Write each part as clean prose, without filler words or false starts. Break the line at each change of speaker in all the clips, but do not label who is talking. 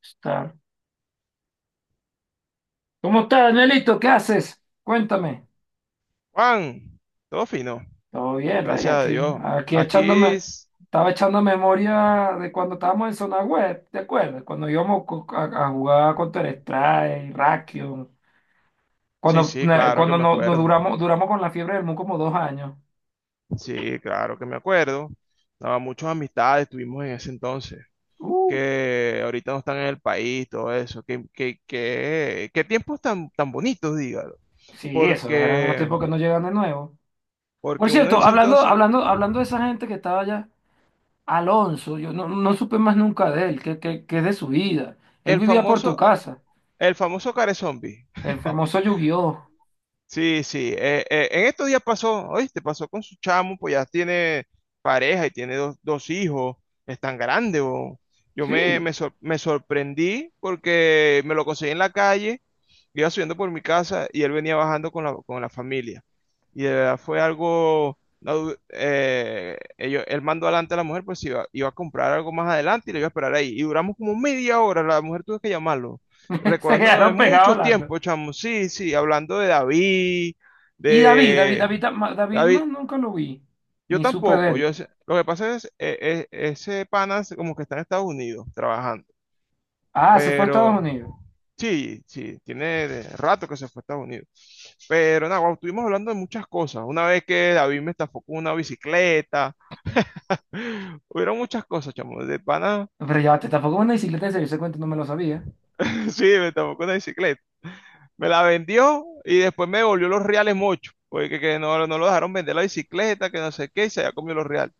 Está. ¿Cómo estás, Nelito? ¿Qué haces? Cuéntame.
Juan, todo fino,
Todo bien, Rey,
gracias a
aquí.
Dios.
Aquí
Aquí,
echándome, estaba echando memoria de cuando estábamos en zona web, ¿te acuerdas? Cuando íbamos a jugar Counter-Strike, Rakion,
sí,
cuando,
sí,
eh,
claro que
cuando
me
no
acuerdo.
duramos con la fiebre del Mu como 2 años.
Sí, claro que me acuerdo. No, muchas amistades tuvimos en ese entonces,
Uh,
que ahorita no están en el país, todo eso. Qué tiempos tan bonitos, dígalo.
sí, esos eran unos
Porque,
tiempos que no llegan de nuevo. Por
porque uno en
cierto,
ese
hablando,
entonces,
hablando, hablando de esa gente que estaba allá, Alonso, yo no supe más nunca de él, que es de su vida. Él
el
vivía por tu
famoso,
casa.
el famoso care zombie.
El famoso Yu-Gi-Oh!
Sí, sí. En estos días pasó, oíste, pasó con su chamo, pues ya tiene pareja y tiene dos hijos, es tan grande, bo. Yo
Sí,
me sorprendí porque me lo conseguí en la calle, iba subiendo por mi casa y él venía bajando con la familia. Y de verdad fue algo. No, él mandó adelante a la mujer, pues iba a comprar algo más adelante y le iba a esperar ahí. Y duramos como media hora, la mujer tuvo que llamarlo
se
recordándome de
quedaron pegados
muchos
hablando.
tiempos, chamo. Sí, sí, hablando de David,
Y David, David,
de
David, ma- David
David.
más nunca lo vi,
Yo
ni supe de
tampoco,
él.
lo que pasa es, ese pana es como que está en Estados Unidos trabajando,
Ah, se fue a Estados
pero
Unidos.
sí, sí, tiene rato que se fue a Estados Unidos. Pero nada, guau, estuvimos hablando de muchas cosas. Una vez que David me estafó con una bicicleta, hubieron muchas cosas, chamo, de pana,
Pero ya, te tampoco es una bicicleta de ese cuenta no me lo sabía.
sí, me estafó con una bicicleta. Me la vendió y después me devolvió los reales mucho, porque que no lo dejaron vender la bicicleta, que no sé qué, y se había comido los reales.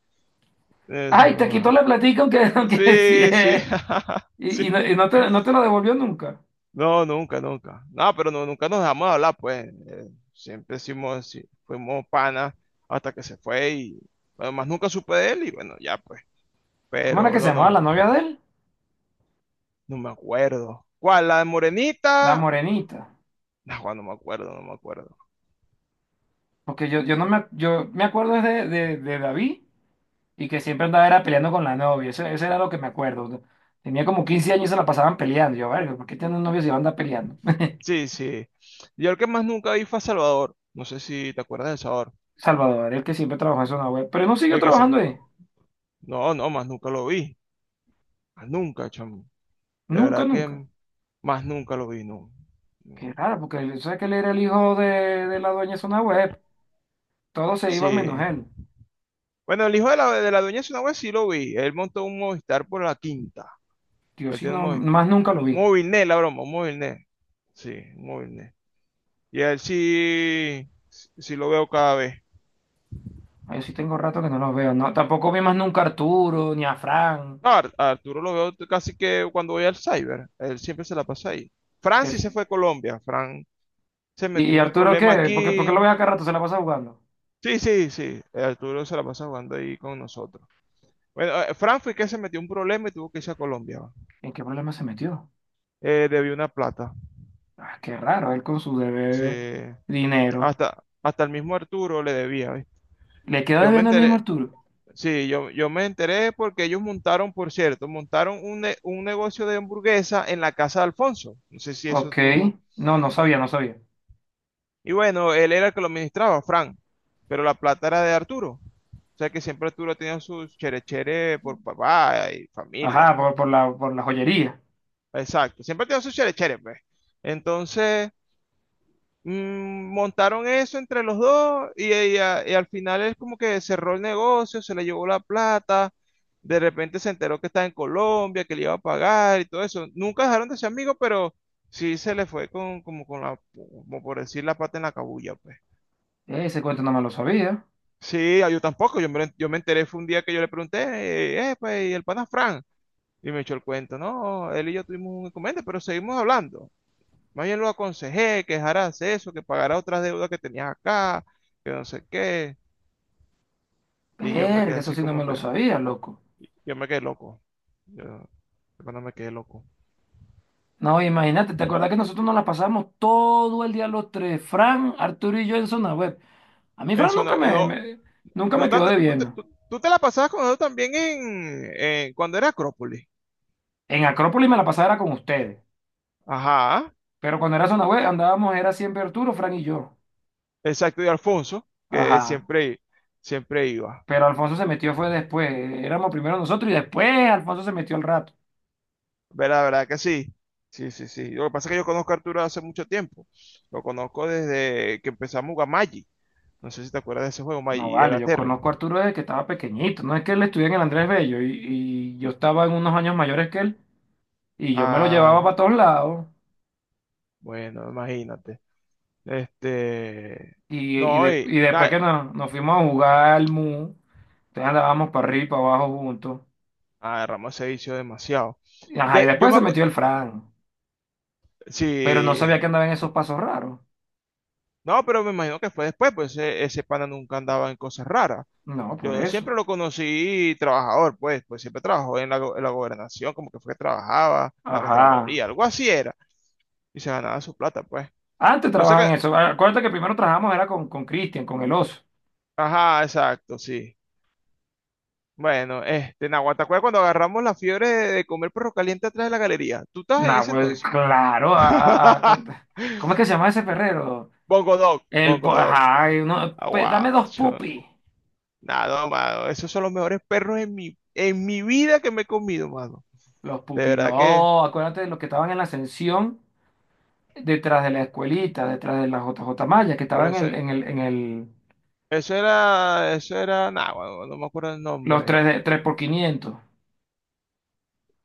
Eso,
Ay, te quitó
ma.
la platica aunque, aunque sí,
Sí, sí,
eh.
sí.
Y no te lo devolvió nunca.
No, nunca, nunca. No, pero no, nunca nos dejamos de hablar, pues. Siempre hicimos, sí, fuimos panas hasta que se fue y además nunca supe de él y bueno, ya pues.
¿Cómo era que
Pero
se
no,
llamaba la
no,
novia de él?
no me acuerdo. ¿Cuál? ¿La de
La
Morenita?
morenita.
No, no me acuerdo, no me acuerdo.
Porque yo no me, yo me acuerdo de David. Y que siempre andaba era peleando con la novia. Eso era lo que me acuerdo, ¿no? Tenía como 15 años y se la pasaban peleando. Yo, verga, ¿por qué tiene un novio si anda peleando?
Sí, sí. Yo el que más nunca vi fue a Salvador. No sé si te acuerdas de Salvador.
Salvador, el que siempre trabajó en zona web, pero no siguió
El que se.
trabajando ahí.
No, no, más nunca lo vi. Más nunca, chamo. De
Nunca,
verdad
nunca.
que más nunca lo vi, no. No.
Qué raro, porque sabe que él era el hijo de la dueña de zona web. Todos se iban menos
Sí.
él.
Bueno, el hijo de la dueña de Sunagua sí lo vi. Él montó un Movistar por la quinta.
Yo
Él
sí
tiene un
no,
Movistar.
más nunca lo
Un
vi.
Movilnet, la broma, un Movilnet. Sí, un Movilnet. Y a él sí, sí sí lo veo cada vez.
Ah, yo sí tengo rato que no los veo. No, tampoco vi más nunca a Arturo ni a Fran.
No, Arturo lo veo casi que cuando voy al cyber, él siempre se la pasa ahí. Fran sí se
que-
fue a Colombia, Fran se
¿Y,
metió
y
en un
Arturo
problema
qué? ¿Por qué lo
aquí.
ves acá rato? Se la pasa jugando.
Sí, sí, sí, Arturo se la pasa jugando ahí con nosotros. Bueno, Fran fue que se metió en un problema y tuvo que irse a Colombia. Va.
¿En qué problema se metió?
Debió una plata.
Ah, qué raro, él con su
Sí,
debe dinero.
hasta el mismo Arturo le debía. ¿Ves?
¿Le quedó
Yo me
debiendo el mismo
enteré,
Arturo?
sí, yo me enteré porque ellos montaron, por cierto, montaron un negocio de hamburguesa en la casa de Alfonso. No sé si eso
Ok.
tú.
No, no sabía, no sabía.
Y bueno, él era el que lo administraba, Frank, pero la plata era de Arturo. O sea que siempre Arturo tenía sus cherechere por papá y familia.
Ajá, por la joyería.
Exacto, siempre tenía sus cherechere, pues. Entonces, montaron eso entre los dos y al final es como que cerró el negocio, se le llevó la plata, de repente se enteró que estaba en Colombia, que le iba a pagar y todo eso. Nunca dejaron de ser amigos, pero sí se le fue con, como con la, como por decir la pata en la cabulla, pues.
Ese cuento no me lo sabía.
Sí, ah, yo tampoco, yo me enteré, fue un día que yo le pregunté, pues, ¿y el pana Fran? Y me echó el cuento, no, él y yo tuvimos un inconveniente, pero seguimos hablando. Más bien lo aconsejé, que dejara de hacer eso, que pagara otras deudas que tenías acá, que no sé qué. Y yo me quedé
Verga, eso
así
sí no me
como
lo
que,
sabía, loco.
yo me quedé loco. Yo, cuando me quedé loco.
No, imagínate, ¿te acuerdas que nosotros nos la pasamos todo el día los tres? Fran, Arturo y yo en zona web. A mí Fran
Eso
nunca
no,
me,
no,
me- nunca
no
me quedó
tanto, tú, tú te,
debiendo.
tú- tú te la pasabas con él también cuando era Acrópolis.
En Acrópolis me la pasaba era con ustedes.
Ajá,
Pero cuando era zona web andábamos, era siempre Arturo, Fran y yo.
exacto, y Alfonso, que
Ajá.
siempre iba.
Pero Alfonso se metió fue después. Éramos primero nosotros y después Alfonso se metió al rato.
¿Verdad, verdad que sí? Sí, sí, sí. Lo que pasa es que yo conozco a Arturo hace mucho tiempo. Lo conozco desde que empezamos a jugar Magic. No sé si te acuerdas de ese juego,
No
Magic de
vale, yo conozco a
Gathering.
Arturo desde que estaba pequeñito. No es que él estuviera en el Andrés Bello y yo estaba en unos años mayores que él y yo me lo llevaba
Ah,
para todos lados.
bueno, imagínate. Este.
Y, y,
No,
de-
y
y después
nada.
que nos fuimos a jugar al MU, entonces andábamos para arriba y para abajo juntos.
Ah, Ramos se vició demasiado.
Ajá, y
De, yo
después
me
se metió
acuerdo.
el Fran, pero no sabía
Sí.
que andaba en esos pasos raros.
No, pero me imagino que fue después, pues ese pana nunca andaba en cosas raras.
No, por
Yo siempre
eso.
lo conocí trabajador, pues siempre trabajó en la gobernación, como que fue que trabajaba, en la
Ajá.
Contraloría, algo así era. Y se ganaba su plata, pues.
Antes
Yo sé
trabajaba
que,
en eso. Acuérdate que primero trabajamos era con Cristian, con el oso.
ajá, exacto, sí. Bueno, este, Nahuatl, ¿te acuerdas cuando agarramos la fiebre de comer perro caliente atrás de la galería? ¿Tú estabas en
Nah,
ese
pues
entonces?
claro, ¿cómo es que se llama ese perrero?
Bongo Dog, Bongo Dog.
Ajá, pues, dame
Agua,
dos pupis.
nada, no, mano. Esos son los mejores perros en mi vida que me he comido, mano.
Los
De
pupis,
verdad que,
no, acuérdate de los que estaban en la ascensión detrás de la escuelita, detrás de la JJ Maya, que
pero
estaban
ese, eso era, nada, mano, no me acuerdo el nombre.
3 por 500.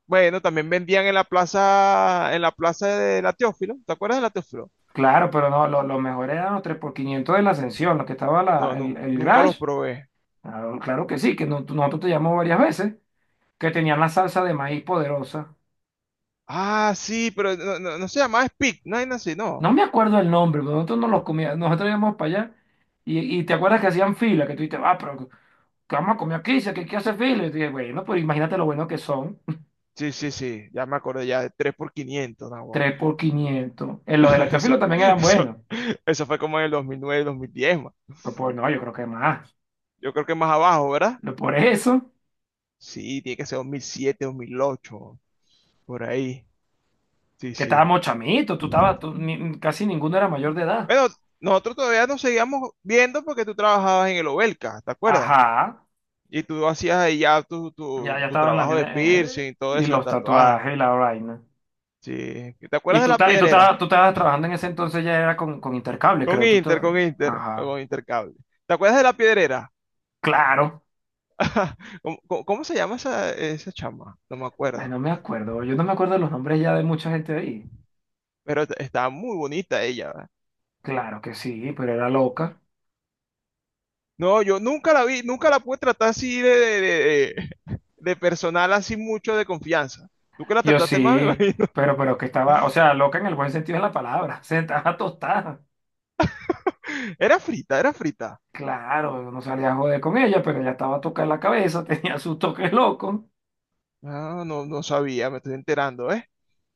Bueno, también vendían en la plaza de la Teófilo. ¿Te acuerdas de la Teófilo?
Claro, pero no, lo mejor eran los 3 por quinientos de la ascensión, los que estaba
No,
la, el,
no,
el
nunca los
grash.
probé.
Claro, claro que sí, que nosotros te llamamos varias veces, que tenían la salsa de maíz poderosa.
Ah, sí, pero no, no, no se llamaba Speak, no hay así, no.
No me acuerdo el nombre, pero nosotros no los comíamos, nosotros íbamos para allá y te acuerdas que hacían fila, que tú dices, ah, pero ¿qué vamos a comer aquí? Dice, ¿Qué hace fila? Y yo dije, bueno, pues imagínate lo bueno que son,
Sí, sí, sí, ya me acordé ya de 3 por 500, no,
3 por 500. En
No,
los de la
eso,
Chafilo también eran
eso,
buenos,
eso fue como en el 2009, 2010, ma.
pero pues, no, yo creo que más.
Yo creo que más abajo, ¿verdad?
Lo Por eso,
Sí, tiene que ser 2007, 2008, por ahí. Sí,
que
sí.
estábamos chamitos, tú estabas, casi ninguno era mayor de edad.
Bueno, nosotros todavía nos seguíamos viendo porque tú trabajabas en el Obelca, ¿te acuerdas?
Ajá,
Y tú hacías ahí ya tu,
ya,
tu,
ya
tu
estaba en la
trabajo de
tienda,
piercing y todo
y
eso, de
los
tatuaje.
tatuajes y la vaina.
Sí. ¿Te acuerdas
Y
de
tú,
la
ta- y tú,
piedrera?
estabas trabajando en ese entonces ya era con Intercable,
Con
creo,
Inter, con Inter, o
Ajá,
con Intercable. ¿Te acuerdas de la piedrera?
claro.
¿Cómo se llama esa chama? No me
Ay,
acuerdo.
no me acuerdo. Yo no me acuerdo los nombres ya de mucha gente ahí.
Pero estaba muy bonita ella, ¿verdad?
Claro que sí, pero era loca.
No, yo nunca la vi, nunca la pude tratar así de personal, así mucho de confianza. Tú que la
Yo
trataste más, me
sí,
imagino.
pero que estaba, o sea, loca en el buen sentido de la palabra. Se estaba tostada.
Era frita, era frita.
Claro, no salía a joder con ella, pero ella estaba tocada en la cabeza, tenía sus toques locos.
Ah, no, no sabía, me estoy enterando, ¿eh?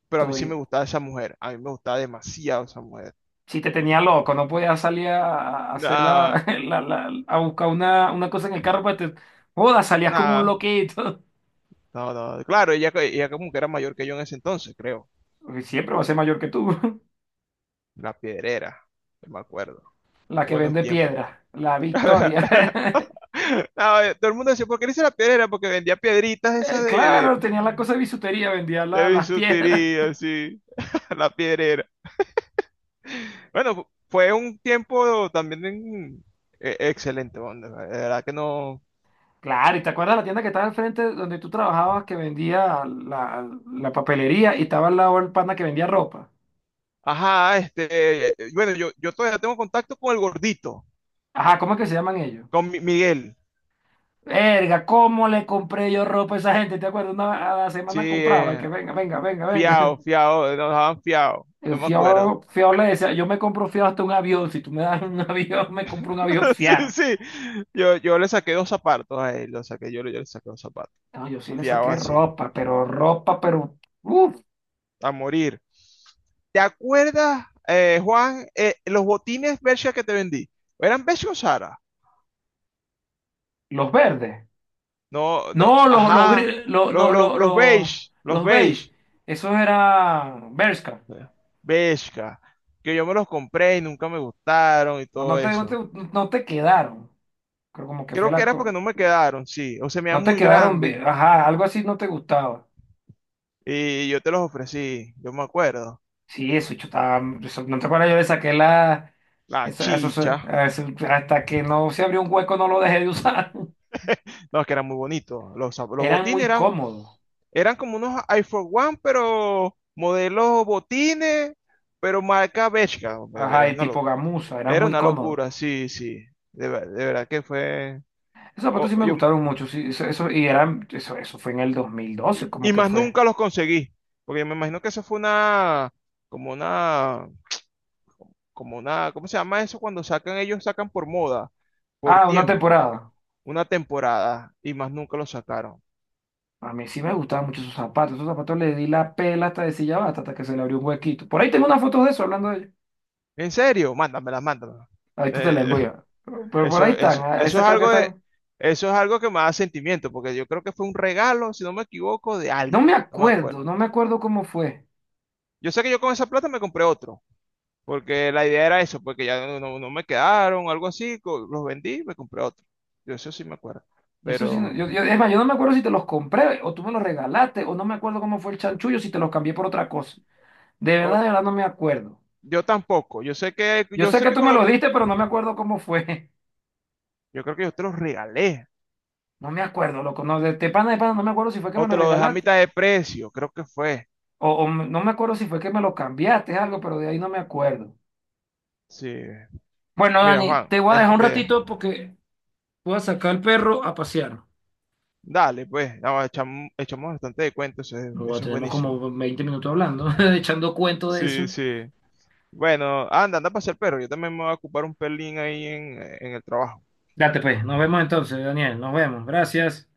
Pero a mí sí me
Todi-
gustaba esa mujer. A mí me gustaba demasiado esa mujer.
Si te tenía loco, no podías salir a hacer
Nada,
a buscar una cosa en el carro para te. Joda, salías como un
nada.
loquito.
No, no. Claro, ella como que era mayor que yo en ese entonces, creo.
Porque siempre va a ser mayor que tú.
La Piedrera, no me acuerdo.
La que
Buenos
vende
tiempos.
piedra, la Victoria.
No, todo el mundo decía, ¿por qué le dice la piedrera? Porque vendía piedritas esas de, de,
Claro, tenía la cosa de bisutería, vendía
de
las piedras.
bisutería, así. La piedrera. Bueno, fue un tiempo también excelente, bueno, de verdad que no.
Claro, ¿y te acuerdas la tienda que estaba al frente donde tú trabajabas que vendía la papelería y estaba al lado el pana que vendía ropa?
Ajá, este, bueno, yo todavía tengo contacto con el gordito,
Ajá, ¿cómo es que se llaman ellos?
con Miguel.
Verga, ¿cómo le compré yo ropa a esa gente? ¿Te acuerdas? Una, a la
Sí,
semana compraba y que venga, venga, venga, venga.
fiao, fiao, nos daban fiao, no
El
me acuerdo.
fiado, fiado le decía, yo me compro fiado hasta un avión. Si tú me das un avión, me compro un avión
Sí,
fiado.
sí. Yo le saqué dos zapatos a él, lo saqué, yo le saqué dos zapatos.
No, yo sí le
Fiado
saqué
así,
ropa, pero... Uf,
a morir. ¿Te acuerdas, Juan, los botines Bershka que te vendí? ¿Eran beige o Zara?
los verdes.
No, no,
No,
ajá. Los,
no,
los, los beige, los
los
beige.
beige, esos eran Bershka.
Bershka. Que yo me los compré y nunca me gustaron y
No, no
todo
te, no te,
eso.
no te quedaron. Creo como que fue
Creo que
la
era porque
cosa.
no me quedaron, sí. O se me
No
dan
te
muy
quedaron,
grandes.
ajá, algo así no te gustaba.
Y yo te los ofrecí, yo me acuerdo.
Sí, eso, yo estaba, no te acuerdas, yo le saqué la,
La
eso se-
chicha.
eso- hasta que no se abrió un hueco no lo dejé de usar.
No, es que eran muy bonitos. Los
Eran
botines
muy
eran,
cómodos,
eran como unos iPhone One, pero modelos botines, pero marca Bershka.
ajá,
Era
y
una,
tipo
lo-
gamuza, eran
era
muy
una
cómodos.
locura, sí, sí. De verdad que fue.
Esos zapatos
o-
sí me
yo,
gustaron mucho, sí, y eran, eso fue en el dos mil
y,
doce como
y
que
más
fue.
nunca los conseguí. Porque me imagino que eso fue una. Como una. Como una. ¿Cómo se llama eso? Cuando sacan, ellos sacan por moda, por
Ah, una
tiempo,
temporada.
una temporada, y más nunca los sacaron.
A mí sí me gustaban mucho esos zapatos. Esos zapatos le di la pela hasta de silla basta, hasta que se le abrió un huequito. Por ahí tengo una foto de eso hablando de ellos.
¿En serio? Mándamela, mándamela.
Ahorita te la
Eh,
envío. Pero por ahí
Eso,
están.
eso, eso
Esas
es
creo que
algo de,
están.
eso es algo que me da sentimiento, porque yo creo que fue un regalo, si no me equivoco, de
No me
alguien, no me acuerdo.
acuerdo, no me acuerdo cómo fue.
Yo sé que yo con esa plata me compré otro, porque la idea era eso, porque ya no me quedaron, algo así, los vendí y me compré otro. Yo eso sí me acuerdo,
Y eso sí,
pero
es más, yo no me acuerdo si te los compré o tú me los regalaste o no me acuerdo cómo fue el chanchullo, si te los cambié por otra cosa.
o-
De verdad no me acuerdo.
yo tampoco.
Yo
Yo
sé
sé
que
que
tú
con
me
lo
los
que,
diste, pero no me acuerdo cómo fue.
yo creo que yo te los regalé,
No me acuerdo, loco. No, de pana de pana, no me acuerdo si fue que
o
me los
te lo dejé a
regalaste
mitad de precio, creo que fue.
o no me acuerdo si fue que me los cambiaste, algo, pero de ahí no me acuerdo.
Sí,
Bueno,
mira
Dani,
Juan,
te voy a dejar un
este,
ratito porque voy a sacar al perro a pasear.
dale, pues, no, echamos bastante de cuentos, eso es
Luego
eso es
tenemos
buenísimo.
como 20 minutos hablando, echando cuento de
Sí,
eso.
sí. Bueno, anda, anda a pasear el perro. Yo también me voy a ocupar un pelín ahí en el trabajo.
Date pues, nos vemos entonces, Daniel, nos vemos. Gracias.